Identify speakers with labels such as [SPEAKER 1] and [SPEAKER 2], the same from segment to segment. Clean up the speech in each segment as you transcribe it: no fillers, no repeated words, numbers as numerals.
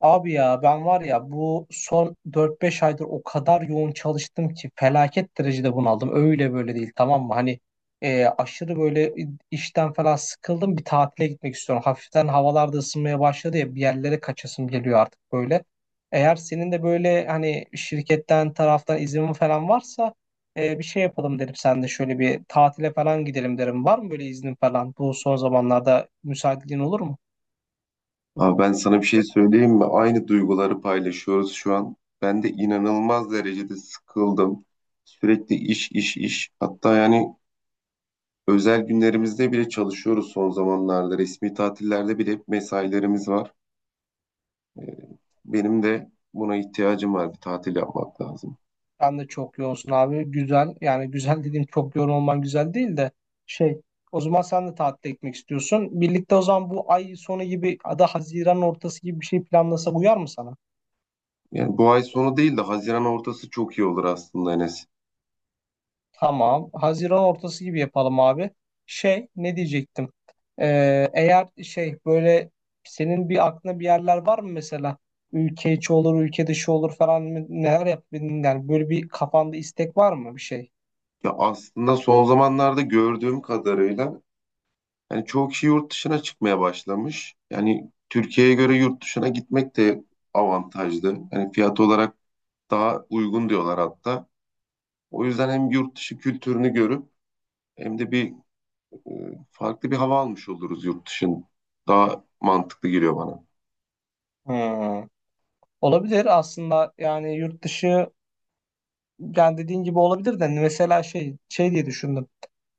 [SPEAKER 1] Abi ya ben var ya bu son 4-5 aydır o kadar yoğun çalıştım ki felaket derecede bunaldım. Öyle böyle değil tamam mı? Hani aşırı böyle işten falan sıkıldım bir tatile gitmek istiyorum. Hafiften havalar da ısınmaya başladı ya bir yerlere kaçasım geliyor artık böyle. Eğer senin de böyle hani şirketten taraftan izin falan varsa bir şey yapalım derim sen de şöyle bir tatile falan gidelim derim. Var mı böyle iznin falan? Bu son zamanlarda müsaitliğin olur mu?
[SPEAKER 2] Abi ben sana bir şey söyleyeyim mi? Aynı duyguları paylaşıyoruz şu an. Ben de inanılmaz derecede sıkıldım. Sürekli iş, iş, iş. Hatta yani özel günlerimizde bile çalışıyoruz son zamanlarda. Resmi tatillerde bile hep mesailerimiz var. Ee, Benim de buna ihtiyacım var. Bir tatil yapmak lazım.
[SPEAKER 1] Sen de çok yoğunsun abi. Güzel. Yani güzel dediğim çok yoğun olman güzel değil de şey o zaman sen de tatile gitmek istiyorsun. Birlikte o zaman bu ay sonu gibi ya da Haziran ortası gibi bir şey planlasak uyar mı sana?
[SPEAKER 2] Yani bu ay sonu değil de Haziran ortası çok iyi olur aslında Enes.
[SPEAKER 1] Tamam. Haziran ortası gibi yapalım abi. Şey ne diyecektim? Eğer şey böyle senin bir aklına bir yerler var mı mesela? Ülke içi olur, ülke dışı olur falan mı? Neler yap? Yani böyle bir kafanda istek var mı bir şey?
[SPEAKER 2] Ya aslında son zamanlarda gördüğüm kadarıyla yani çoğu kişi yurt dışına çıkmaya başlamış. Yani Türkiye'ye göre yurt dışına gitmek de avantajlı. Yani fiyat olarak daha uygun diyorlar hatta. O yüzden hem yurt dışı kültürünü görüp hem de bir e, farklı bir hava almış oluruz yurt dışın. Daha mantıklı geliyor bana.
[SPEAKER 1] Hmm. Olabilir aslında yani yurt dışı. Yani dediğin gibi olabilir de hani mesela şey şey diye düşündüm.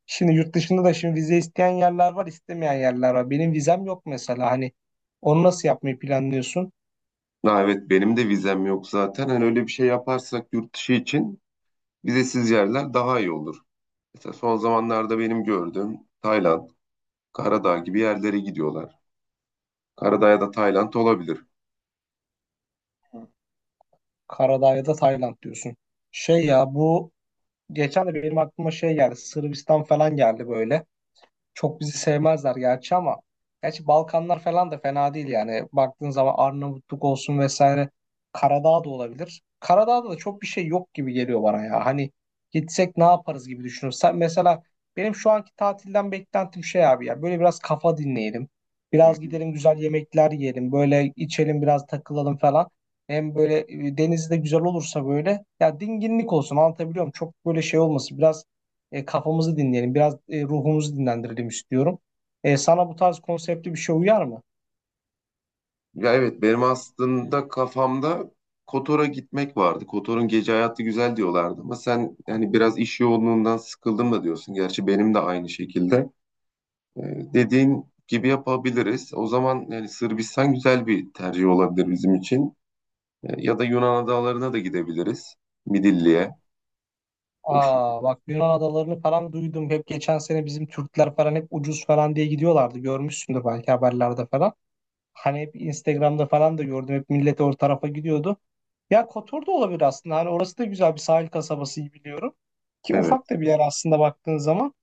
[SPEAKER 1] Şimdi yurt dışında da şimdi vize isteyen yerler var, istemeyen yerler var. Benim vizem yok mesela. Hani onu nasıl yapmayı planlıyorsun?
[SPEAKER 2] Ha, evet benim de vizem yok zaten. Hani öyle bir şey yaparsak yurt dışı için vizesiz yerler daha iyi olur. Mesela son zamanlarda benim gördüğüm Tayland, Karadağ gibi yerlere gidiyorlar. Karadağ ya da Tayland olabilir.
[SPEAKER 1] Karadağ ya da Tayland diyorsun. Şey ya bu geçen de benim aklıma şey geldi. Sırbistan falan geldi böyle. Çok bizi sevmezler gerçi ama gerçi Balkanlar falan da fena değil yani. Baktığın zaman Arnavutluk olsun vesaire Karadağ da olabilir. Karadağ'da da çok bir şey yok gibi geliyor bana ya. Hani gitsek ne yaparız gibi düşünüyorum. Sen mesela benim şu anki tatilden beklentim şey abi ya böyle biraz kafa dinleyelim. Biraz gidelim güzel yemekler yiyelim. Böyle içelim biraz takılalım falan. Hem böyle deniz de güzel olursa böyle ya dinginlik olsun anlatabiliyor muyum? Çok böyle şey olmasın. Biraz kafamızı dinleyelim, biraz ruhumuzu dinlendirelim istiyorum. Sana bu tarz konseptli bir şey uyar mı?
[SPEAKER 2] Ya evet benim aslında kafamda Kotor'a gitmek vardı. Kotor'un gece hayatı güzel diyorlardı ama sen yani biraz iş yoğunluğundan sıkıldım da diyorsun. Gerçi benim de aynı şekilde. Ee, dediğin gibi yapabiliriz. O zaman yani Sırbistan güzel bir tercih olabilir bizim için. Ya da Yunan adalarına da gidebiliriz. Midilli'ye. O şu-
[SPEAKER 1] Aa bak Yunan adalarını falan duydum. Hep geçen sene bizim Türkler falan hep ucuz falan diye gidiyorlardı. Görmüşsündür belki haberlerde falan. Hani hep Instagram'da falan da gördüm. Hep millet o tarafa gidiyordu. Ya Kotor da olabilir aslında. Hani orası da güzel bir sahil kasabası iyi biliyorum. Ki ufak
[SPEAKER 2] Evet.
[SPEAKER 1] da bir yer aslında baktığın zaman.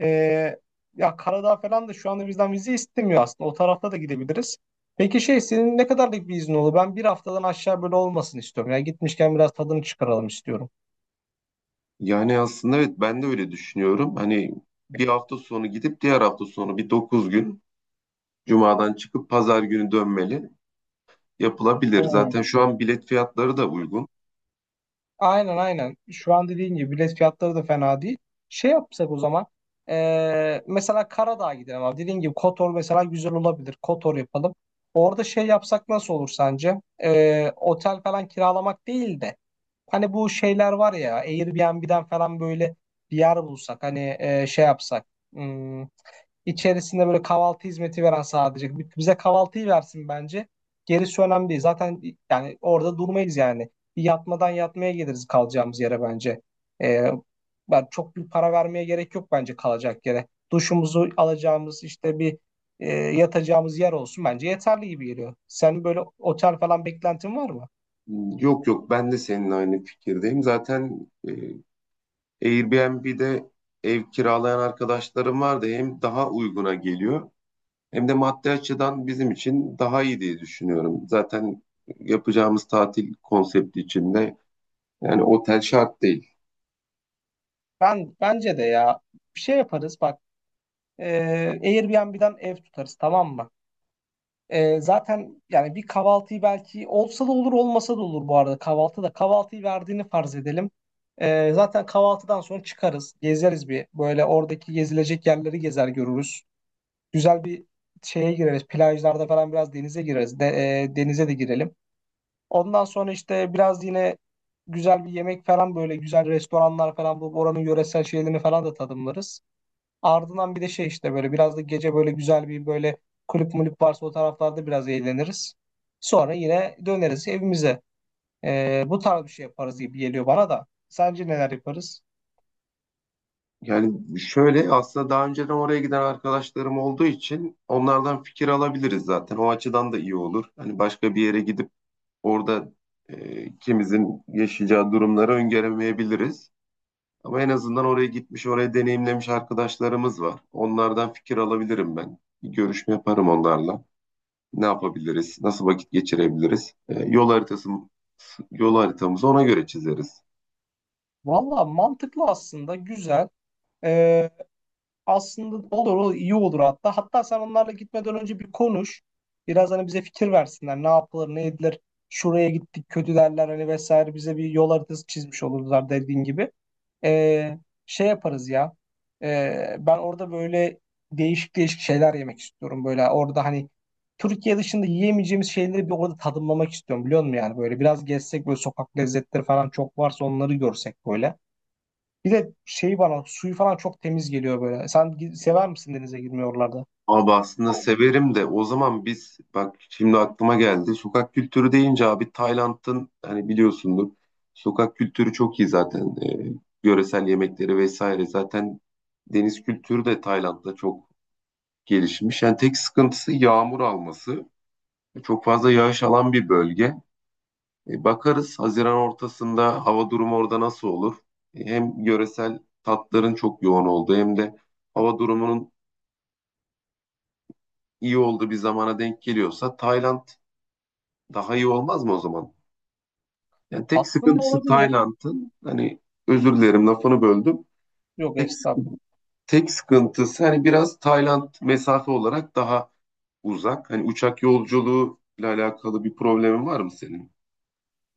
[SPEAKER 1] Ee, Ya Karadağ falan da şu anda bizden vize istemiyor aslında. O tarafta da gidebiliriz. Peki şey senin ne kadarlık bir iznin olur? Ben bir haftadan aşağı böyle olmasın istiyorum. Yani gitmişken biraz tadını çıkaralım istiyorum.
[SPEAKER 2] Yani aslında evet ben de öyle düşünüyorum. Hani bir hafta sonu gidip diğer hafta sonu bir 9 gün Cuma'dan çıkıp pazar günü dönmeli. Yapılabilir.
[SPEAKER 1] Hmm.
[SPEAKER 2] Zaten şu an bilet fiyatları da uygun.
[SPEAKER 1] Aynen aynen. Şu an dediğin gibi bilet fiyatları da fena değil. Şey yapsak o zaman. Mesela Karadağ'a gidelim abi. Dediğin gibi Kotor mesela güzel olabilir. Kotor yapalım. Orada şey yapsak nasıl olur sence? Otel falan kiralamak değil de. Hani bu şeyler var ya Airbnb'den falan böyle bir yer bulsak. Hani şey yapsak. hmm, İçerisinde böyle kahvaltı hizmeti veren sadece. Bize kahvaltıyı versin bence. Gerisi önemli değil. Zaten yani orada durmayız yani. Bir yatmadan yatmaya geliriz kalacağımız yere bence. Ee, Ben çok bir para vermeye gerek yok bence kalacak yere. Duşumuzu alacağımız işte bir yatacağımız yer olsun bence yeterli gibi geliyor. Senin böyle otel falan beklentin var mı?
[SPEAKER 2] Yok yok ben de seninle aynı fikirdeyim. Zaten Airbnb'de ev kiralayan arkadaşlarım vardı. Hem daha uyguna geliyor hem de maddi açıdan bizim için daha iyi diye düşünüyorum. Zaten yapacağımız tatil konsepti içinde yani otel şart değil.
[SPEAKER 1] Ben bence de ya bir şey yaparız bak. E, Airbnb'den ev tutarız tamam mı? Zaten yani bir kahvaltıyı belki olsa da olur olmasa da olur bu arada kahvaltı da kahvaltıyı verdiğini farz edelim. Zaten kahvaltıdan sonra çıkarız gezeriz bir böyle oradaki gezilecek yerleri gezer görürüz. Güzel bir şeye gireriz plajlarda falan biraz denize gireriz de, denize de girelim. Ondan sonra işte biraz yine güzel bir yemek falan böyle güzel restoranlar falan bu oranın yöresel şeylerini falan da tadımlarız. Ardından bir de şey işte böyle biraz da gece böyle güzel bir böyle kulüp mulüp varsa o taraflarda biraz eğleniriz. Sonra yine döneriz evimize. Bu tarz bir şey yaparız gibi geliyor bana da. Sence neler yaparız?
[SPEAKER 2] Yani şöyle aslında daha önceden oraya giden arkadaşlarım olduğu için onlardan fikir alabiliriz zaten. O açıdan da iyi olur. Hani başka bir yere gidip orada ikimizin yaşayacağı durumları öngöremeyebiliriz. Ama en azından oraya gitmiş, oraya deneyimlemiş arkadaşlarımız var. Onlardan fikir alabilirim ben. Bir görüşme yaparım onlarla. Ne yapabiliriz? Nasıl vakit geçirebiliriz? Yol haritası, yol haritamızı ona göre çizeriz.
[SPEAKER 1] Valla mantıklı aslında güzel. Ee, Aslında olur olur, iyi olur hatta. Hatta sen onlarla gitmeden önce bir konuş. Biraz hani bize fikir versinler. Ne yapılır ne edilir. Şuraya gittik kötü derler hani vesaire bize bir yol haritası çizmiş olurlar dediğin gibi. Ee, Şey yaparız ya. Ben orada böyle değişik değişik şeyler yemek istiyorum. Böyle orada hani Türkiye dışında yiyemeyeceğimiz şeyleri bir orada tadımlamak istiyorum biliyor musun yani böyle biraz gezsek böyle sokak lezzetleri falan çok varsa onları görsek böyle. Bir de şey bana suyu falan çok temiz geliyor böyle. Sen sever misin denize girmeyi oralarda?
[SPEAKER 2] Abi aslında severim de o zaman biz bak şimdi aklıma geldi. Sokak kültürü deyince abi Tayland'ın hani biliyorsundur. Sokak kültürü çok iyi zaten. Yöresel yemekleri vesaire zaten deniz kültürü de Tayland'da çok gelişmiş. Yani tek sıkıntısı yağmur alması. Çok fazla yağış alan bir bölge. Bakarız Haziran ortasında hava durumu orada nasıl olur? Hem yöresel tatların çok yoğun olduğu hem de hava durumunun iyi olduğu bir zamana denk geliyorsa Tayland daha iyi olmaz mı o zaman? Yani tek
[SPEAKER 1] Aslında
[SPEAKER 2] sıkıntısı
[SPEAKER 1] olabilir.
[SPEAKER 2] Tayland'ın hani özür dilerim lafını böldüm.
[SPEAKER 1] Yok
[SPEAKER 2] Tek, sık-
[SPEAKER 1] estağfurullah.
[SPEAKER 2] tek sıkıntısı hani biraz Tayland mesafe olarak daha uzak. Hani uçak yolculuğuyla alakalı bir problemin var mı senin?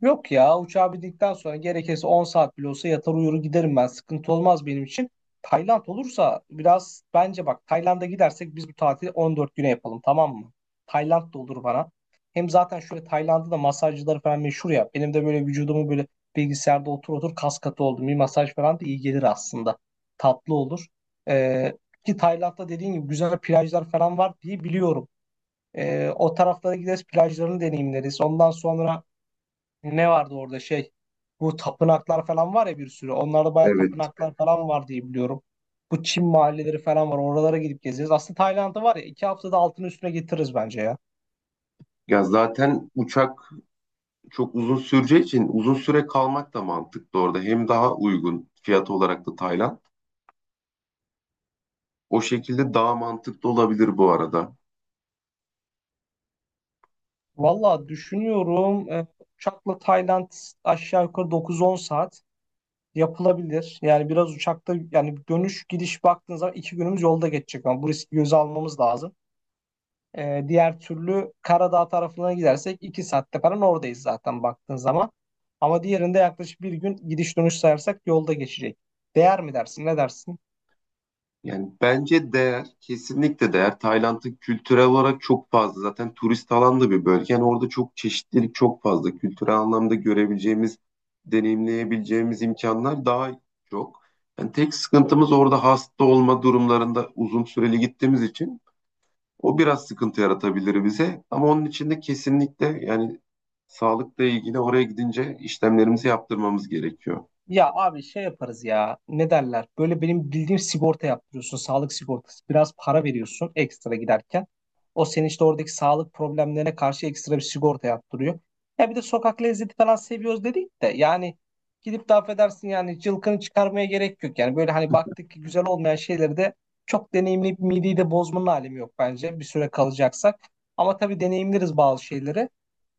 [SPEAKER 1] Yok ya uçağa bindikten sonra gerekirse 10 saat bile olsa yatar uyur giderim ben. Sıkıntı olmaz benim için. Tayland olursa biraz bence bak Tayland'a gidersek biz bu tatili 14 güne yapalım tamam mı? Tayland da olur bana. Hem zaten şöyle Tayland'da da masajcıları falan meşhur ya. Benim de böyle vücudumu böyle bilgisayarda otur otur kas katı oldum. Bir masaj falan da iyi gelir aslında. Tatlı olur. Ee, Ki Tayland'da dediğin gibi güzel plajlar falan var diye biliyorum. O taraflara gideriz plajlarını deneyimleriz. Ondan sonra ne vardı orada şey? Bu tapınaklar falan var ya bir sürü. Onlarda bayağı
[SPEAKER 2] Evet.
[SPEAKER 1] tapınaklar falan var diye biliyorum. Bu Çin mahalleleri falan var. Oralara gidip gezeceğiz. Aslında Tayland'ı var ya 2 haftada altını üstüne getiririz bence ya.
[SPEAKER 2] Ya zaten uçak çok uzun süreceği için uzun süre kalmak da mantıklı orada. Hem daha uygun fiyat olarak da Tayland. O şekilde daha mantıklı olabilir bu arada.
[SPEAKER 1] Valla düşünüyorum uçakla Tayland aşağı yukarı 9-10 saat yapılabilir. Yani biraz uçakta yani dönüş gidiş baktığınız zaman 2 günümüz yolda geçecek ama bu riski göze almamız lazım. Diğer türlü Karadağ tarafına gidersek 2 saatte falan oradayız zaten baktığın zaman. Ama diğerinde yaklaşık bir gün gidiş dönüş sayarsak yolda geçecek. Değer mi dersin? Ne dersin?
[SPEAKER 2] Yani bence değer, kesinlikle değer. Tayland'ın kültürel olarak çok fazla. Zaten turist alan da bir bölge. Yani orada çok çeşitlilik çok fazla. Kültürel anlamda görebileceğimiz, deneyimleyebileceğimiz imkanlar daha çok. Yani tek sıkıntımız orada hasta olma durumlarında uzun süreli gittiğimiz için o biraz sıkıntı yaratabilir bize ama onun için de kesinlikle yani sağlıkla ilgili oraya gidince işlemlerimizi yaptırmamız gerekiyor.
[SPEAKER 1] Ya abi şey yaparız ya. Ne derler? Böyle benim bildiğim sigorta yaptırıyorsun. Sağlık sigortası. Biraz para veriyorsun ekstra giderken. O senin işte oradaki sağlık problemlerine karşı ekstra bir sigorta yaptırıyor. Ya bir de sokak lezzeti falan seviyoruz dedik de yani gidip de affedersin yani cılkını çıkarmaya gerek yok. Yani böyle hani baktık ki güzel olmayan şeyleri de çok deneyimli bir mideyi de bozmanın alemi yok bence bir süre kalacaksak. Ama tabii deneyimleriz bazı şeyleri.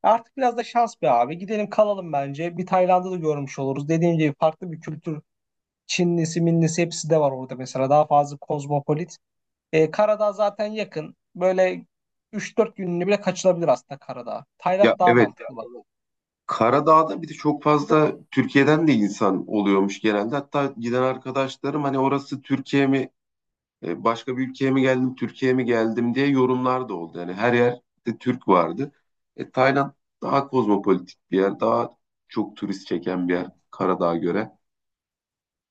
[SPEAKER 1] Artık biraz da şans be abi. Gidelim kalalım bence. Bir Tayland'ı da görmüş oluruz. Dediğim gibi farklı bir kültür. Çinlisi, Minlisi hepsi de var orada mesela. Daha fazla kozmopolit. Karadağ zaten yakın. Böyle 3-4 gününü bile kaçılabilir aslında Karadağ. Tayland
[SPEAKER 2] Ya
[SPEAKER 1] daha
[SPEAKER 2] evet
[SPEAKER 1] mantıklı.
[SPEAKER 2] Karadağ'da bir de çok fazla Türkiye'den de insan oluyormuş genelde. Hatta giden arkadaşlarım hani orası Türkiye mi, başka bir ülkeye mi geldim, Türkiye'ye mi geldim diye yorumlar da oldu. Yani her yerde Türk vardı. Tayland daha kozmopolitik bir yer, daha çok turist çeken bir yer Karadağ'a göre.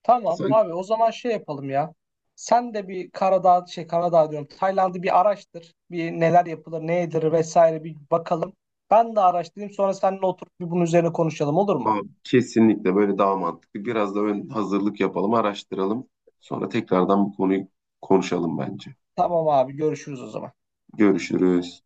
[SPEAKER 1] Tamam
[SPEAKER 2] Sanki
[SPEAKER 1] abi o zaman şey yapalım ya. Sen de bir Karadağ, şey Karadağ diyorum. Tayland'ı bir araştır. Bir neler yapılır, ne edilir vesaire bir bakalım. Ben de araştırayım sonra seninle oturup bir bunun üzerine konuşalım olur mu?
[SPEAKER 2] aa, kesinlikle böyle daha mantıklı. Biraz da ön hazırlık yapalım, araştıralım. Sonra tekrardan bu konuyu konuşalım bence.
[SPEAKER 1] Tamam abi görüşürüz o zaman.
[SPEAKER 2] Görüşürüz.